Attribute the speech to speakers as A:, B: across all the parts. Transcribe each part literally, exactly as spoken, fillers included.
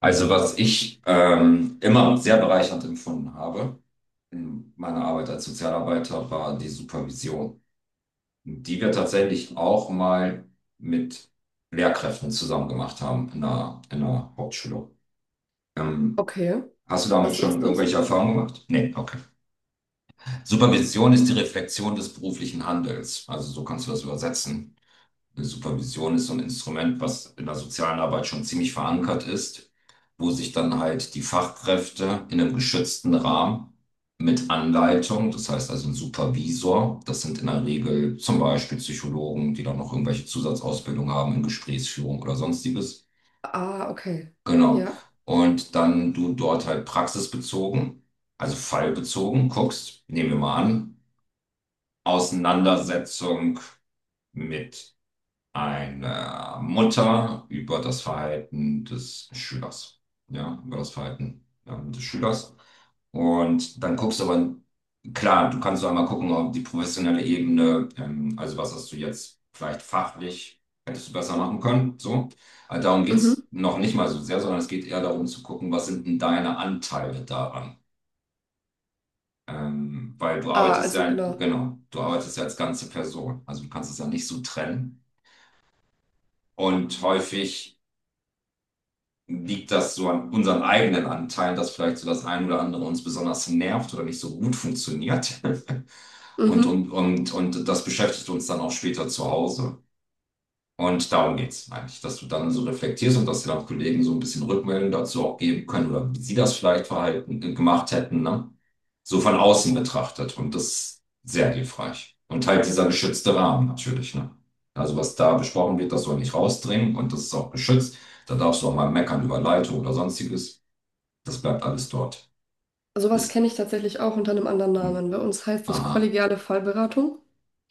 A: Also was ich ähm, immer sehr bereichernd empfunden habe in meiner Arbeit als Sozialarbeiter, war die Supervision. Die wir tatsächlich auch mal mit Lehrkräften zusammen gemacht haben in einer in einer Hauptschule. Ähm,
B: Okay,
A: Hast du damit
B: was
A: schon
B: ist das?
A: irgendwelche Erfahrungen gemacht? Nee, okay. Supervision ist die Reflexion des beruflichen Handelns. Also so kannst du das übersetzen. Supervision ist so ein Instrument, was in der sozialen Arbeit schon ziemlich verankert ist, wo sich dann halt die Fachkräfte in einem geschützten Rahmen mit Anleitung, das heißt also ein Supervisor, das sind in der Regel zum Beispiel Psychologen, die dann noch irgendwelche Zusatzausbildung haben in Gesprächsführung oder sonstiges.
B: Ah, okay.
A: Genau.
B: Ja.
A: Und dann du dort halt praxisbezogen, also fallbezogen guckst, nehmen wir mal an, Auseinandersetzung mit einer Mutter über das Verhalten des Schülers. Ja, über das Verhalten ähm, des Schülers. Und dann guckst du aber, klar, du kannst so einmal gucken, ob die professionelle Ebene, ähm, also was hast du jetzt vielleicht fachlich, hättest du besser machen können, so. Also darum
B: Mhm.
A: geht's noch nicht mal so sehr, sondern es geht eher darum zu gucken, was sind denn deine Anteile daran? Ähm, weil du
B: Ah,
A: arbeitest
B: also
A: ja,
B: genau.
A: genau, du arbeitest ja als ganze Person. Also du kannst es ja nicht so trennen. Und häufig liegt das so an unseren eigenen Anteilen, dass vielleicht so das ein oder andere uns besonders nervt oder nicht so gut funktioniert? Und,
B: Mhm.
A: und, und, und das beschäftigt uns dann auch später zu Hause. Und darum geht's eigentlich, dass du dann so reflektierst und dass dir dann Kollegen so ein bisschen Rückmeldung dazu auch geben können oder wie sie das vielleicht verhalten, äh, gemacht hätten, ne? So von außen betrachtet. Und das ist sehr hilfreich. Und halt dieser geschützte Rahmen natürlich, ne? Also was da besprochen wird, das soll nicht rausdringen und das ist auch geschützt. Da darfst du auch mal meckern über Leitung oder sonstiges. Das bleibt alles dort.
B: Sowas
A: Ist,
B: kenne ich tatsächlich auch unter einem anderen
A: hm,
B: Namen. Bei uns heißt das
A: aha,
B: kollegiale Fallberatung.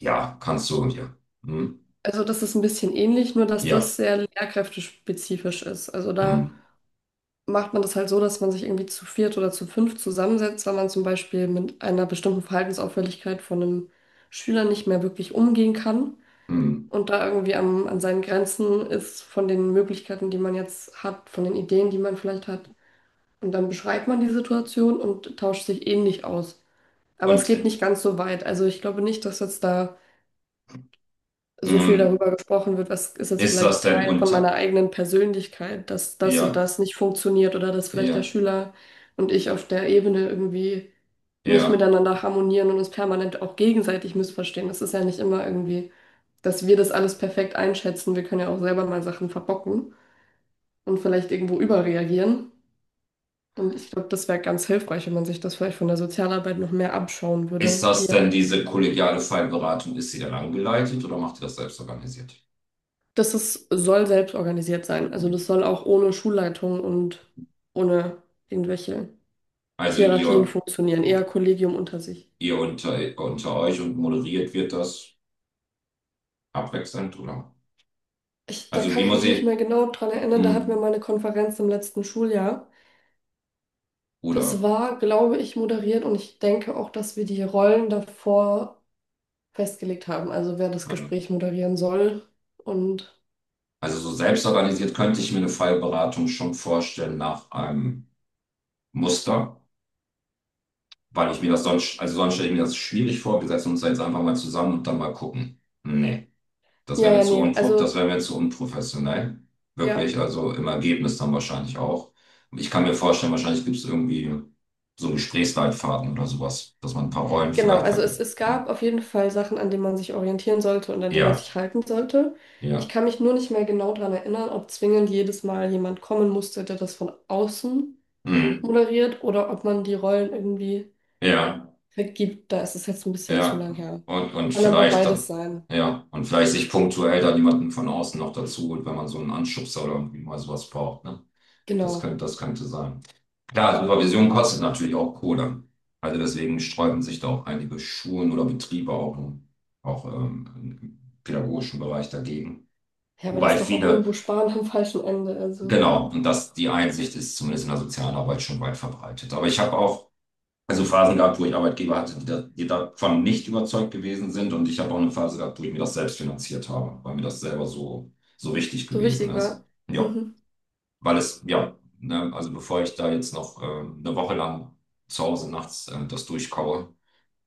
A: ja, kannst du, und ja, hm,
B: Also das ist ein bisschen ähnlich, nur dass
A: ja,
B: das sehr lehrkräftespezifisch ist. Also da
A: hm,
B: macht man das halt so, dass man sich irgendwie zu viert oder zu fünf zusammensetzt, weil man zum Beispiel mit einer bestimmten Verhaltensauffälligkeit von einem Schüler nicht mehr wirklich umgehen kann
A: hm.
B: und da irgendwie am, an seinen Grenzen ist von den Möglichkeiten, die man jetzt hat, von den Ideen, die man vielleicht hat. Und dann beschreibt man die Situation und tauscht sich ähnlich aus. Aber es
A: Und,
B: geht
A: äh,
B: nicht ganz so weit. Also ich glaube nicht, dass jetzt da so viel
A: hm,
B: darüber gesprochen wird, was ist jetzt
A: ist
B: vielleicht
A: das denn
B: Teil von meiner
A: unter,
B: eigenen Persönlichkeit, dass das und
A: ja,
B: das nicht funktioniert oder dass vielleicht der
A: ja,
B: Schüler und ich auf der Ebene irgendwie nicht
A: ja.
B: miteinander harmonieren und uns permanent auch gegenseitig missverstehen. Das ist ja nicht immer irgendwie, dass wir das alles perfekt einschätzen. Wir können ja auch selber mal Sachen verbocken und vielleicht irgendwo überreagieren. Und ich glaube, das wäre ganz hilfreich, wenn man sich das vielleicht von der Sozialarbeit noch mehr abschauen
A: Ist
B: würde.
A: das
B: Die,
A: denn diese kollegiale Fallberatung, ist sie dann angeleitet oder macht ihr das selbst organisiert?
B: das ist, soll selbst organisiert sein. Also
A: Nee.
B: das soll auch ohne Schulleitung und ohne irgendwelche
A: Also
B: Hierarchien
A: ihr,
B: funktionieren. Eher Kollegium unter sich.
A: ihr unter, unter euch und moderiert wird das abwechselnd, oder?
B: Ich, da
A: Also
B: kann
A: wie
B: ich
A: muss
B: mich nicht
A: ich,
B: mehr genau dran erinnern. Da hatten wir mal
A: hm,
B: eine Konferenz im letzten Schuljahr. Das
A: oder,
B: war, glaube ich, moderiert und ich denke auch, dass wir die Rollen davor festgelegt haben. Also wer das
A: ja.
B: Gespräch moderieren soll. und
A: Also so selbst organisiert könnte ich mir eine Fallberatung schon vorstellen nach einem Muster, weil ich mir das sonst, also sonst stelle ich mir das schwierig vor, wir setzen uns da jetzt einfach mal zusammen und dann mal gucken. Nee. Das
B: ja,
A: wäre mir
B: ja,
A: zu
B: nee.
A: unpro, das
B: Also
A: wäre mir zu unprofessionell.
B: ja.
A: Wirklich, also im Ergebnis dann wahrscheinlich auch. Ich kann mir vorstellen, wahrscheinlich gibt es irgendwie so Gesprächsleitfaden oder sowas, dass man ein paar Rollen
B: Genau,
A: vielleicht
B: also es,
A: vergibt.
B: es gab auf jeden Fall Sachen, an denen man sich orientieren sollte und an die man
A: Ja,
B: sich halten sollte. Ich
A: ja,
B: kann mich nur nicht mehr genau daran erinnern, ob zwingend jedes Mal jemand kommen musste, der das von außen
A: mhm.
B: moderiert oder ob man die Rollen irgendwie
A: Ja,
B: vergibt. Da ist es jetzt ein bisschen zu
A: ja.
B: lang her.
A: Und, und
B: Kann aber
A: vielleicht dann,
B: beides sein.
A: ja, und vielleicht sich punktuell dann jemanden von außen noch dazu holt, wenn man so einen Anschubser oder irgendwie mal sowas braucht, ne? Das
B: Genau.
A: könnte, das könnte sein. Klar, Supervision kostet natürlich auch Kohle. Also deswegen sträuben sich da auch einige Schulen oder Betriebe auch, im- auch ähm, im pädagogischen Bereich dagegen.
B: Ja, aber das
A: Wobei
B: ist doch auch irgendwo
A: viele,
B: Sparen am falschen Ende. Also
A: genau, und das, die Einsicht ist zumindest in der Sozialarbeit schon weit verbreitet. Aber ich habe auch also Phasen gehabt, wo ich Arbeitgeber hatte, die, da, die davon nicht überzeugt gewesen sind. Und ich habe auch eine Phase gehabt, wo ich mir das selbst finanziert habe, weil mir das selber so, so wichtig
B: so
A: gewesen
B: wichtig
A: ist.
B: war.
A: Ja,
B: Mhm.
A: weil es, ja, ne, also bevor ich da jetzt noch äh, eine Woche lang zu Hause nachts äh, das durchkaue,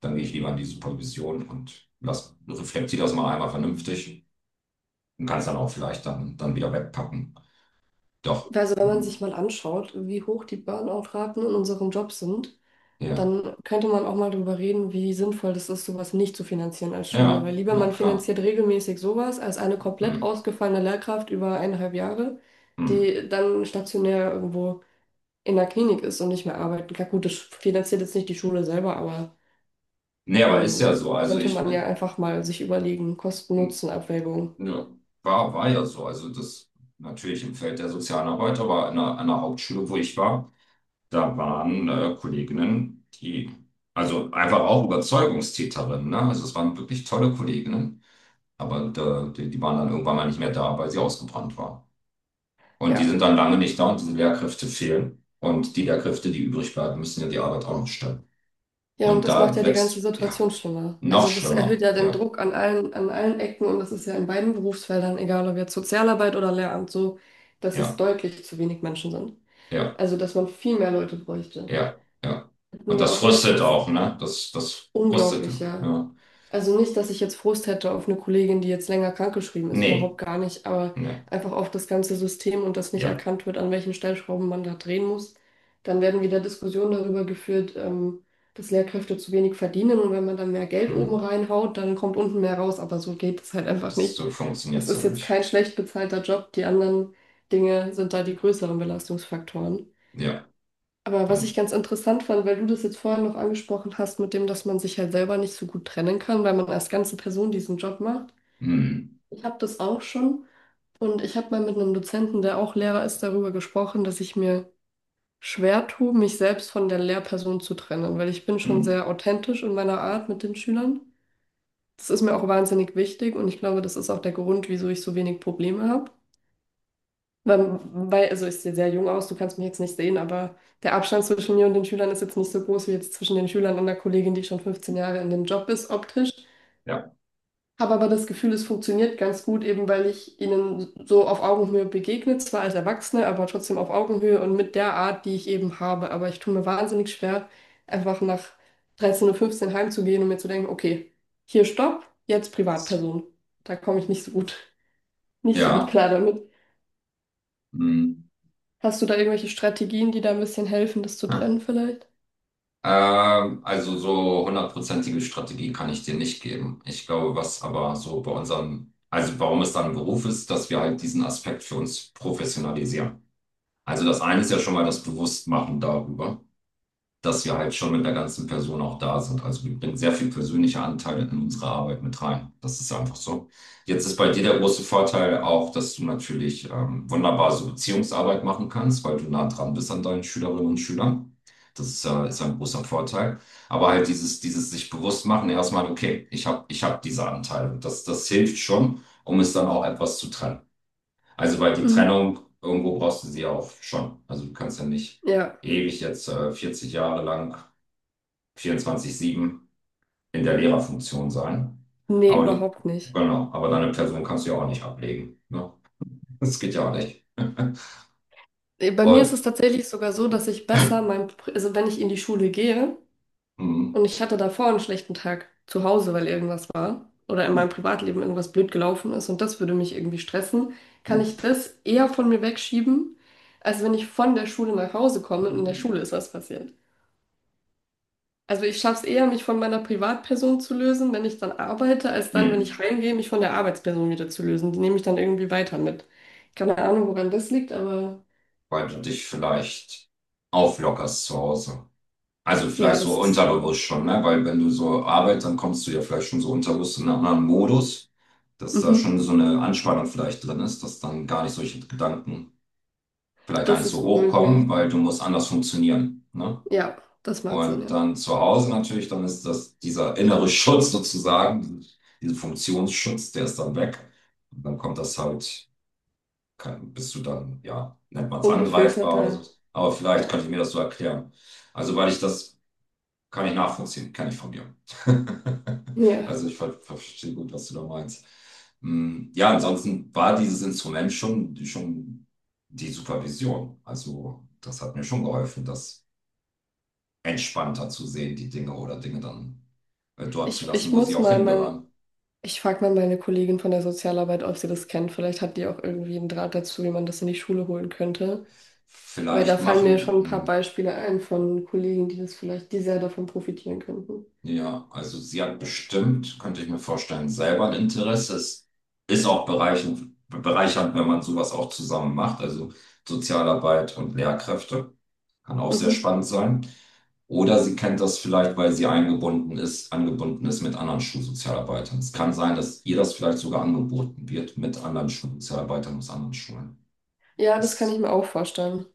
A: dann gehe ich lieber in die Supervision und lass, reflektiere das mal einmal vernünftig und kann es dann auch vielleicht dann, dann, wieder wegpacken. Doch,
B: Also wenn man sich
A: mhm.
B: mal anschaut, wie hoch die Burnout-Raten in unserem Job sind,
A: Ja,
B: dann könnte man auch mal darüber reden, wie sinnvoll das ist, sowas nicht zu finanzieren als Schule. Weil
A: ja,
B: lieber man
A: na klar.
B: finanziert regelmäßig sowas als eine komplett
A: Mhm.
B: ausgefallene Lehrkraft über eineinhalb Jahre,
A: Mhm.
B: die dann stationär irgendwo in der Klinik ist und nicht mehr arbeiten kann. Gut, das finanziert jetzt nicht die Schule selber, aber
A: Nee, aber ist
B: ähm,
A: ja so, also
B: könnte
A: ich
B: man ja
A: bin,
B: einfach mal sich überlegen, Kosten-Nutzen-Abwägung.
A: ja, war, war ja so, also das natürlich im Feld der sozialen Arbeit, aber an der, an der Hauptschule, wo ich war, da waren äh, Kolleginnen, die, also einfach auch Überzeugungstäterinnen, ne? Also es waren wirklich tolle Kolleginnen, aber da, die, die waren dann irgendwann mal nicht mehr da, weil sie ausgebrannt waren. Und die
B: Ja.
A: sind dann lange nicht da und diese Lehrkräfte fehlen. Und die Lehrkräfte, die übrig bleiben, müssen ja die Arbeit auch noch stemmen.
B: Ja, und
A: Und
B: das macht
A: da
B: ja die ganze
A: wächst, ja,
B: Situation schlimmer.
A: noch
B: Also das erhöht
A: schlimmer.
B: ja den
A: Ja,
B: Druck an allen, an allen Ecken und das ist ja in beiden Berufsfeldern, egal ob jetzt Sozialarbeit oder Lehramt, so, dass es
A: ja,
B: deutlich zu wenig Menschen sind.
A: ja,
B: Also dass man viel mehr Leute bräuchte.
A: ja, ja.
B: Hatten
A: Und
B: wir
A: das
B: auch
A: frustet
B: letztens
A: auch, ne? Das, das frustet,
B: unglaubliche
A: ja.
B: also nicht, dass ich jetzt Frust hätte auf eine Kollegin, die jetzt länger krankgeschrieben ist, überhaupt
A: Nee,
B: gar nicht, aber
A: nee,
B: einfach auf das ganze System und dass nicht
A: ja.
B: erkannt wird, an welchen Stellschrauben man da drehen muss. Dann werden wieder Diskussionen darüber geführt, ähm, dass Lehrkräfte zu wenig verdienen und wenn man dann mehr Geld
A: Hm.
B: oben reinhaut, dann kommt unten mehr raus, aber so geht es halt einfach
A: Das
B: nicht.
A: so funktioniert
B: Es
A: ja
B: ist jetzt kein
A: nicht.
B: schlecht bezahlter Job, die anderen Dinge sind da die größeren Belastungsfaktoren.
A: Ja,
B: Aber was ich
A: und
B: ganz interessant fand, weil du das jetzt vorhin noch angesprochen hast, mit dem, dass man sich halt selber nicht so gut trennen kann, weil man als ganze Person diesen Job macht.
A: hm,
B: Ich habe das auch schon und ich habe mal mit einem Dozenten, der auch Lehrer ist, darüber gesprochen, dass ich mir schwer tue, mich selbst von der Lehrperson zu trennen, weil ich bin schon
A: hm,
B: sehr authentisch in meiner Art mit den Schülern. Das ist mir auch wahnsinnig wichtig und ich glaube, das ist auch der Grund, wieso ich so wenig Probleme habe. Weil, weil- also ich sehe sehr jung aus, du kannst mich jetzt nicht sehen, aber der Abstand zwischen mir und den Schülern ist jetzt nicht so groß wie jetzt zwischen den Schülern und einer Kollegin, die schon fünfzehn Jahre in dem Job ist, optisch.
A: ja,
B: Habe aber das Gefühl, es funktioniert ganz gut, eben weil ich ihnen so auf Augenhöhe begegne, zwar als Erwachsene, aber trotzdem auf Augenhöhe und mit der Art, die ich eben habe. Aber ich tue mir wahnsinnig schwer, einfach nach 13.15 Uhr fünfzehn heimzugehen und mir zu denken, okay, hier Stopp, jetzt Privatperson. Da komme ich nicht so gut, nicht so gut
A: ja,
B: klar damit.
A: hm,
B: Hast du da irgendwelche Strategien, die da ein bisschen helfen, das zu
A: ja.
B: trennen vielleicht?
A: Ähm, also so hundertprozentige Strategie kann ich dir nicht geben. Ich glaube, was aber so bei unserem, also warum es dann ein Beruf ist, dass wir halt diesen Aspekt für uns professionalisieren. Also das eine ist ja schon mal das Bewusstmachen darüber, dass wir halt schon mit der ganzen Person auch da sind. Also wir bringen sehr viel persönliche Anteile in unsere Arbeit mit rein. Das ist einfach so. Jetzt ist bei dir der große Vorteil auch, dass du natürlich ähm, wunderbar so Beziehungsarbeit machen kannst, weil du nah dran bist an deinen Schülerinnen und Schülern. Das ist, äh, ist ein großer Vorteil. Aber halt dieses, dieses sich bewusst machen, erstmal, okay, ich habe ich hab diese Anteile. Das, das hilft schon, um es dann auch etwas zu trennen. Also weil die
B: Mhm.
A: Trennung, irgendwo brauchst du sie ja auch schon. Also du kannst ja nicht
B: Ja,
A: ewig jetzt äh, vierzig Jahre lang vierundzwanzig sieben in der Lehrerfunktion sein.
B: nee,
A: Aber du,
B: überhaupt nicht.
A: genau, aber deine Person kannst du ja auch nicht ablegen. Ne? Das geht ja auch nicht.
B: Nee, bei mir ist
A: Und,
B: es tatsächlich sogar so, dass ich besser mein, Pri- also wenn ich in die Schule gehe
A: mm,
B: und ich hatte davor einen schlechten Tag zu Hause, weil irgendwas war oder in meinem Privatleben irgendwas blöd gelaufen ist und das würde mich irgendwie stressen, kann ich das eher von mir wegschieben, als wenn ich von der Schule nach Hause komme und in der Schule ist was passiert. Also ich schaffe es eher, mich von meiner Privatperson zu lösen, wenn ich dann arbeite, als dann, wenn ich
A: mm,
B: heimgehe, mich von der Arbeitsperson wieder zu lösen. Die nehme ich dann irgendwie weiter mit. Keine Ahnung, woran das liegt, aber
A: weil du dich vielleicht auflockerst zu Hause. Also
B: ja,
A: vielleicht
B: das
A: so
B: ist,
A: unterbewusst schon, ne? Weil wenn du so arbeitest, dann kommst du ja vielleicht schon so unterbewusst in einen anderen Modus, dass da
B: mhm,
A: schon so eine Anspannung vielleicht drin ist, dass dann gar nicht solche Gedanken vielleicht gar
B: das
A: nicht so
B: ist gut möglich.
A: hochkommen, weil du musst anders funktionieren. Ne?
B: Ja, das macht Sinn,
A: Und
B: ja.
A: dann zu Hause natürlich, dann ist das dieser innere Schutz sozusagen, dieser Funktionsschutz, der ist dann weg. Und dann kommt das halt, kann, bist du dann, ja, nennt man es angreifbar oder
B: Ungefilterter,
A: so. Aber vielleicht
B: ja.
A: könnte ich mir das so erklären. Also, weil ich das kann ich nachvollziehen, kenne ich von mir.
B: Ja.
A: Also, ich ver verstehe gut, was du da meinst. Mm. Ja, ansonsten war dieses Instrument schon, schon die Supervision. Also, das hat mir schon geholfen, dass entspannter zu sehen, die Dinge oder Dinge dann äh, dort zu
B: Ich, ich
A: lassen, wo sie
B: muss
A: auch
B: mal mein,
A: hingehören.
B: ich frage mal meine Kollegin von der Sozialarbeit, ob sie das kennt. Vielleicht hat die auch irgendwie einen Draht dazu, wie man das in die Schule holen könnte. Weil da
A: Vielleicht
B: fallen
A: machen
B: mir schon
A: die,
B: ein paar
A: mh,
B: Beispiele ein von Kollegen, die das vielleicht, die sehr davon profitieren könnten.
A: ja, also sie hat bestimmt, könnte ich mir vorstellen, selber ein Interesse. Es ist auch bereichend, bereichernd, wenn man sowas auch zusammen macht, also Sozialarbeit und Lehrkräfte. Kann auch sehr
B: Mhm.
A: spannend sein. Oder sie kennt das vielleicht, weil sie eingebunden ist, angebunden ist mit anderen Schulsozialarbeitern. Es kann sein, dass ihr das vielleicht sogar angeboten wird mit anderen Schulsozialarbeitern aus anderen Schulen.
B: Ja, das kann ich
A: Ist
B: mir auch vorstellen.